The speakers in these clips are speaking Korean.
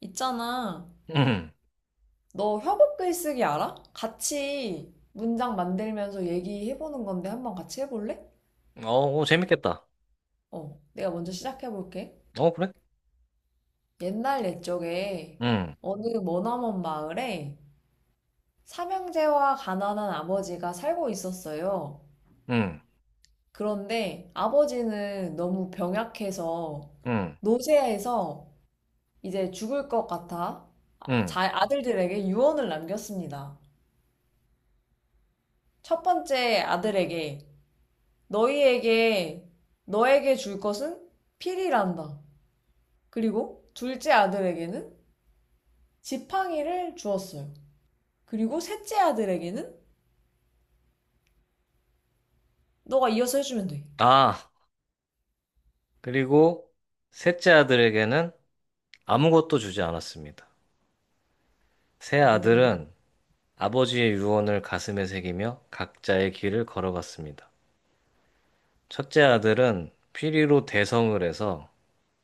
있잖아. 응. 너 협업 글쓰기 알아? 같이 문장 만들면서 얘기해보는 건데 한번 같이 해볼래? 오, 재밌겠다. 내가 먼저 시작해볼게. 어, 그래? 옛날 옛적에 응, 어느 머나먼 마을에 삼형제와 가난한 아버지가 살고 있었어요. 응, 그런데 아버지는 너무 병약해서 응, 노쇠해서 이제 죽을 것 같아 아, 응. 아들들에게 유언을 남겼습니다. 첫 번째 아들에게 너희에게 너에게 줄 것은 필이란다. 그리고 둘째 아들에게는 지팡이를 주었어요. 그리고 셋째 아들에게는 너가 이어서 해주면 돼. 아, 그리고 셋째 아들에게는 아무것도 주지 않았습니다. 세 오, 아들은 아버지의 유언을 가슴에 새기며 각자의 길을 걸어갔습니다. 첫째 아들은 피리로 대성을 해서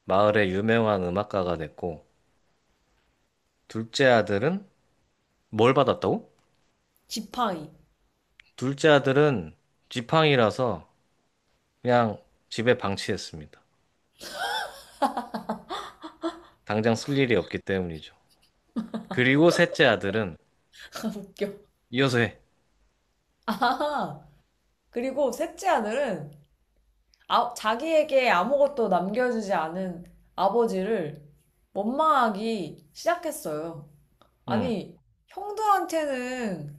마을의 유명한 음악가가 됐고, 둘째 아들은 뭘 받았다고? 지팡이. 둘째 아들은 지팡이라서 그냥 집에 방치했습니다. 당장 쓸 일이 없기 때문이죠. 그리고 셋째 아들은 웃겨. 이어서 해. 아, 그리고 셋째 아들은 아, 자기에게 아무것도 남겨주지 않은 아버지를 원망하기 시작했어요. 응. 아니, 형들한테는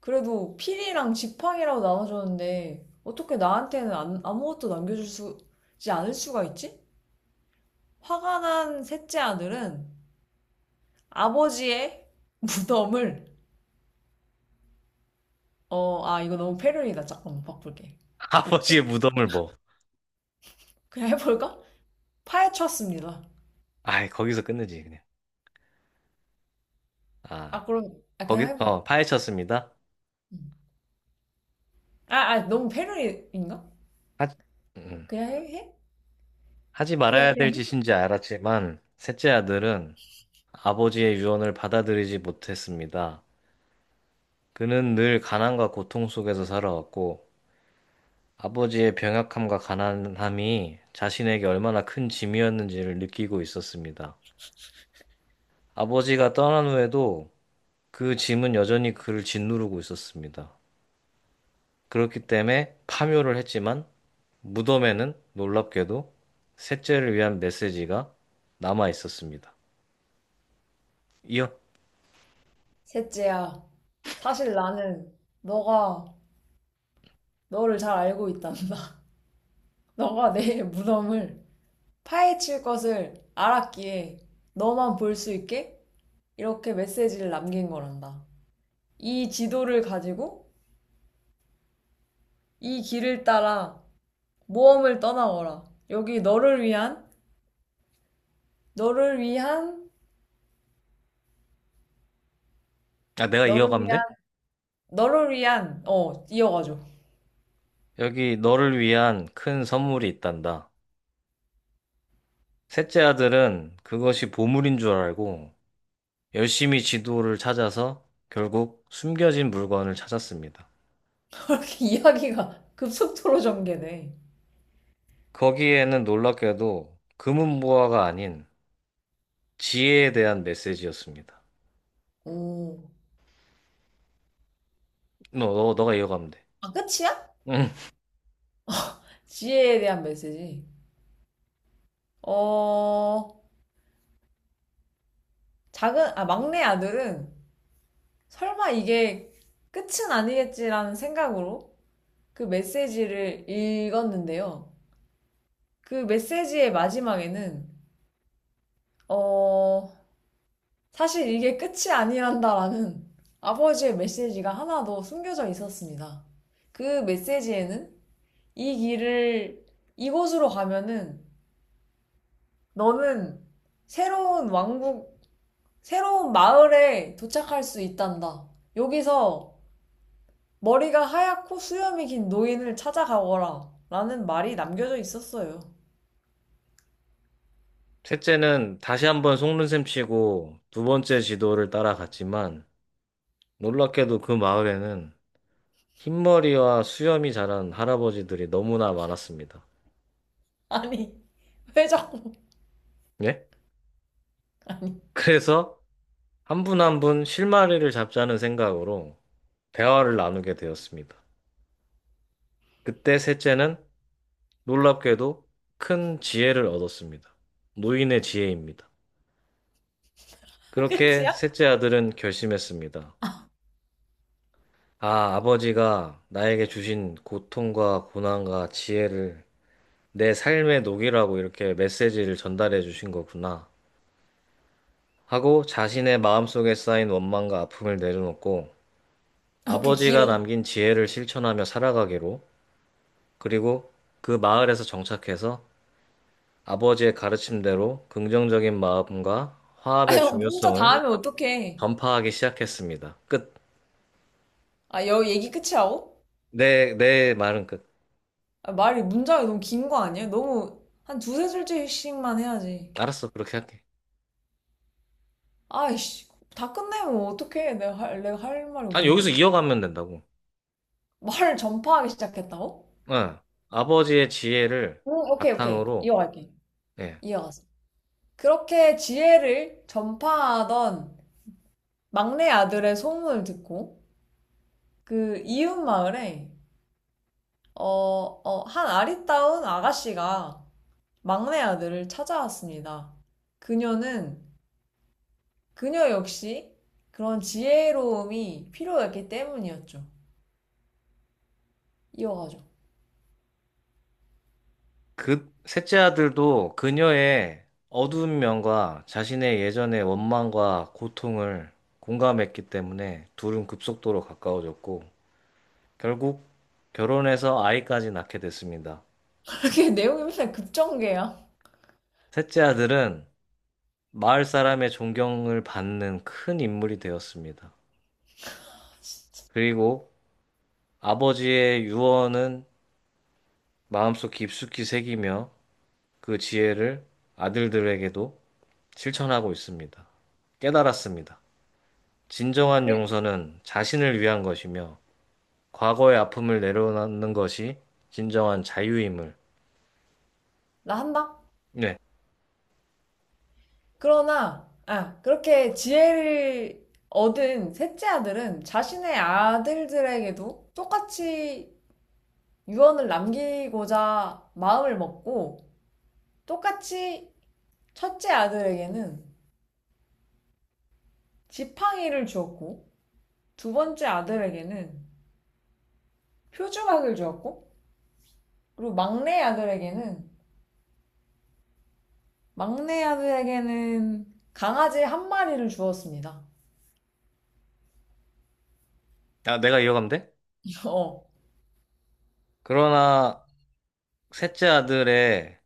그래도 필이랑 지팡이라고 나눠줬는데 어떻게 나한테는 아무것도 남겨주지 않을 수가 있지? 화가 난 셋째 아들은 아버지의 무덤을 아 이거 너무 패륜이다. 잠깐만 바꿀게. 아버지의 셋- 무덤을 뭐. 그냥 해볼까? 파헤쳤습니다. 아이, 거기서 끝내지, 그냥. 아, 아 그럼 아 그냥 거기, 해보자. 파헤쳤습니다. 음. 아, 아 너무 패륜인가? 하지, 음, 그냥 해? 하지 그래 말아야 그냥 될 해. 짓인지 알았지만, 셋째 아들은 아버지의 유언을 받아들이지 못했습니다. 그는 늘 가난과 고통 속에서 살아왔고, 아버지의 병약함과 가난함이 자신에게 얼마나 큰 짐이었는지를 느끼고 있었습니다. 아버지가 떠난 후에도 그 짐은 여전히 그를 짓누르고 있었습니다. 그렇기 때문에 파묘를 했지만 무덤에는 놀랍게도 셋째를 위한 메시지가 남아 있었습니다. 이어, 셋째야 사실 나는 너가 너를 잘 알고 있단다. 너가 내 무덤을 파헤칠 것을 알았기에 너만 볼 수 있게 이렇게 메시지를 남긴 거란다. 이 지도를 가지고 이 길을 따라 모험을 떠나거라. 여기 너를 위한, 너를 위한, 아, 내가 너를 이어가면 위한, 돼? 너를 위한, 이어가죠. 여기 너를 위한 큰 선물이 있단다. 셋째 아들은 그것이 보물인 줄 알고 열심히 지도를 찾아서 결국 숨겨진 물건을 찾았습니다. 이렇게 이야기가 급속도로 전개돼. 거기에는 놀랍게도 금은보화가 아닌 지혜에 대한 메시지였습니다. 오. 너, 너, 너가 이어가면 돼. 아, 끝이야? 지혜에 대한 메시지. 어, 아, 막내 아들은 설마 이게 끝은 아니겠지라는 생각으로 그 메시지를 읽었는데요. 그 메시지의 마지막에는, 어, 사실 이게 끝이 아니란다라는 아버지의 메시지가 하나 더 숨겨져 있었습니다. 그 메시지에는 이 길을 이곳으로 가면은 너는 새로운 왕국, 새로운 마을에 도착할 수 있단다. 여기서 머리가 하얗고 수염이 긴 노인을 찾아가거라. 라는 말이 남겨져 있었어요. 셋째는 다시 한번 속는셈 치고 두 번째 지도를 따라갔지만 놀랍게도 그 마을에는 흰머리와 수염이 자란 할아버지들이 너무나 많았습니다. 아니, 회장, 예? 그래서 한 분 한 분 실마리를 잡자는 생각으로 대화를 나누게 되었습니다. 그때 셋째는 놀랍게도 큰 지혜를 얻었습니다. 노인의 지혜입니다. 그렇게 끝이야? 셋째 아들은 결심했습니다. 아, 아버지가 나에게 주신 고통과 고난과 지혜를 내 삶의 녹이라고 이렇게 메시지를 전달해 주신 거구나. 하고 자신의 마음속에 쌓인 원망과 아픔을 내려놓고 어, 그 아버지가 길어. 남긴 지혜를 실천하며 살아가기로 그리고 그 마을에서 정착해서 아버지의 가르침대로 긍정적인 마음과 화합의 아니, 문자 다 중요성을 하면 어떡해. 전파하기 시작했습니다. 끝. 아, 여 얘기 끝이야오? 내, 내 말은 끝. 아, 말이 문자가 너무 긴 거 아니야? 너무 한 두세 줄씩만 해야지. 알았어, 그렇게 할게. 아이씨, 다 끝내면 어떡해. 내가 할 말이 아니, 여기서 없는데. 이어가면 된다고. 말을 전파하기 시작했다고? 예, 아버지의 지혜를 오, 오케이, 오케이. 바탕으로, 이어갈게. 예, 이어가서. 그렇게 지혜를 전파하던 막내 아들의 소문을 듣고 그 이웃 마을에 한 아리따운 아가씨가 막내 아들을 찾아왔습니다. 그녀는 그녀 역시 그런 지혜로움이 필요했기 때문이었죠. 이어가죠. 그 셋째 아들도 그녀의 어두운 면과 자신의 예전의 원망과 고통을 공감했기 때문에 둘은 급속도로 가까워졌고, 결국 결혼해서 아이까지 낳게 됐습니다. 그게 내용이 맨날 급전개야. 셋째 아들은 마을 사람의 존경을 받는 큰 인물이 되었습니다. 그리고 아버지의 유언은 마음속 깊숙이 새기며 그 지혜를 아들들에게도 실천하고 있습니다. 깨달았습니다. 진정한 그래. 용서는 자신을 위한 것이며, 과거의 아픔을 내려놓는 것이 진정한 자유임을. 나 한다. 네. 그러나 아 그렇게 지혜를 얻은 셋째 아들은 자신의 아들들에게도 똑같이 유언을 남기고자 마음을 먹고 똑같이 첫째 아들에게는 지팡이를 주었고 두 번째 아들에게는 표주막을 주었고 그리고 막내 아들에게는 강아지 한 마리를 주었습니다. 아, 내가 이어가면 돼? 어 그러나, 셋째 아들의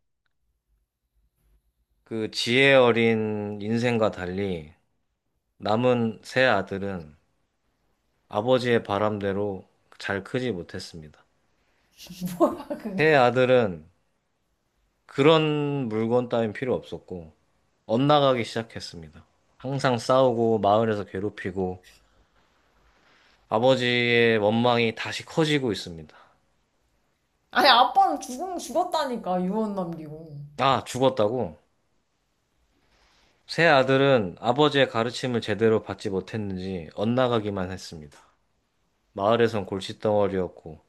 그 지혜 어린 인생과 달리, 남은 세 아들은 아버지의 바람대로 잘 크지 못했습니다. 뭐야 그게? 세 아들은 그런 물건 따윈 필요 없었고, 엇나가기 시작했습니다. 항상 싸우고, 마을에서 괴롭히고, 아버지의 원망이 다시 커지고 있습니다. 아니 아빠는 죽은 죽었다니까 유언 남기고. 아, 죽었다고? 새 아들은 아버지의 가르침을 제대로 받지 못했는지 엇나가기만 했습니다. 마을에선 골칫덩어리였고,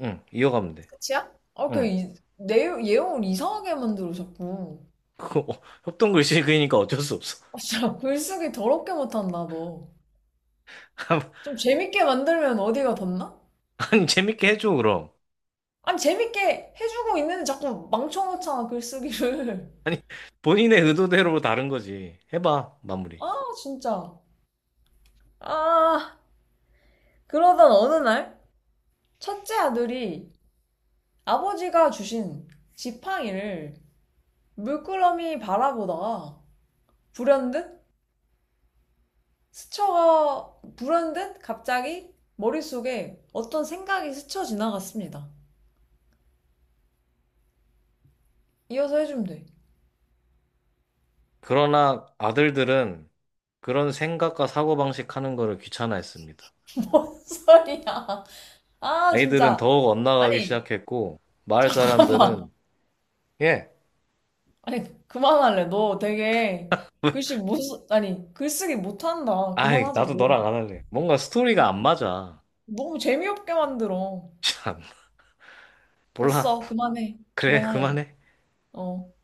응, 이어가면 돼. 끝이야? 응. 아그 내용 예용을 이상하게 만들어 자꾸. 그거, 협동 글씨 그리니까 어쩔 수 없어. 아 진짜 글쓰기 더럽게 못한다 너. 좀 재밌게 만들면 어디가 덧나? 아니, 재밌게 해줘, 그럼. 아니 재밌게 해주고 있는데 자꾸 망쳐놓잖아 글쓰기를. 아니, 본인의 의도대로 다른 거지. 해봐, 마무리. 아 진짜. 아 그러던 어느 날 첫째 아들이 아버지가 주신 지팡이를 물끄러미 바라보다가 불현듯 불현듯 갑자기 머릿속에 어떤 생각이 스쳐 지나갔습니다. 이어서 해주면 돼. 그러나 아들들은 그런 생각과 사고방식 하는 거를 귀찮아했습니다. 뭔 소리야. 아 아이들은 진짜. 더욱 엇나가기 아니 시작했고, 마을 잠깐만. 사람들은, 예, 아니 그만할래. 너 되게 글씨 못 쓰- 아니 글쓰기 못한다. 아이, 그만하자 나도 너. 너랑 안 할래. 뭔가 스토리가 너 안 맞아. 너무 재미없게 만들어. 참, 몰라. 됐어. 그만해. 그래, 그만할래. 그만해. 어.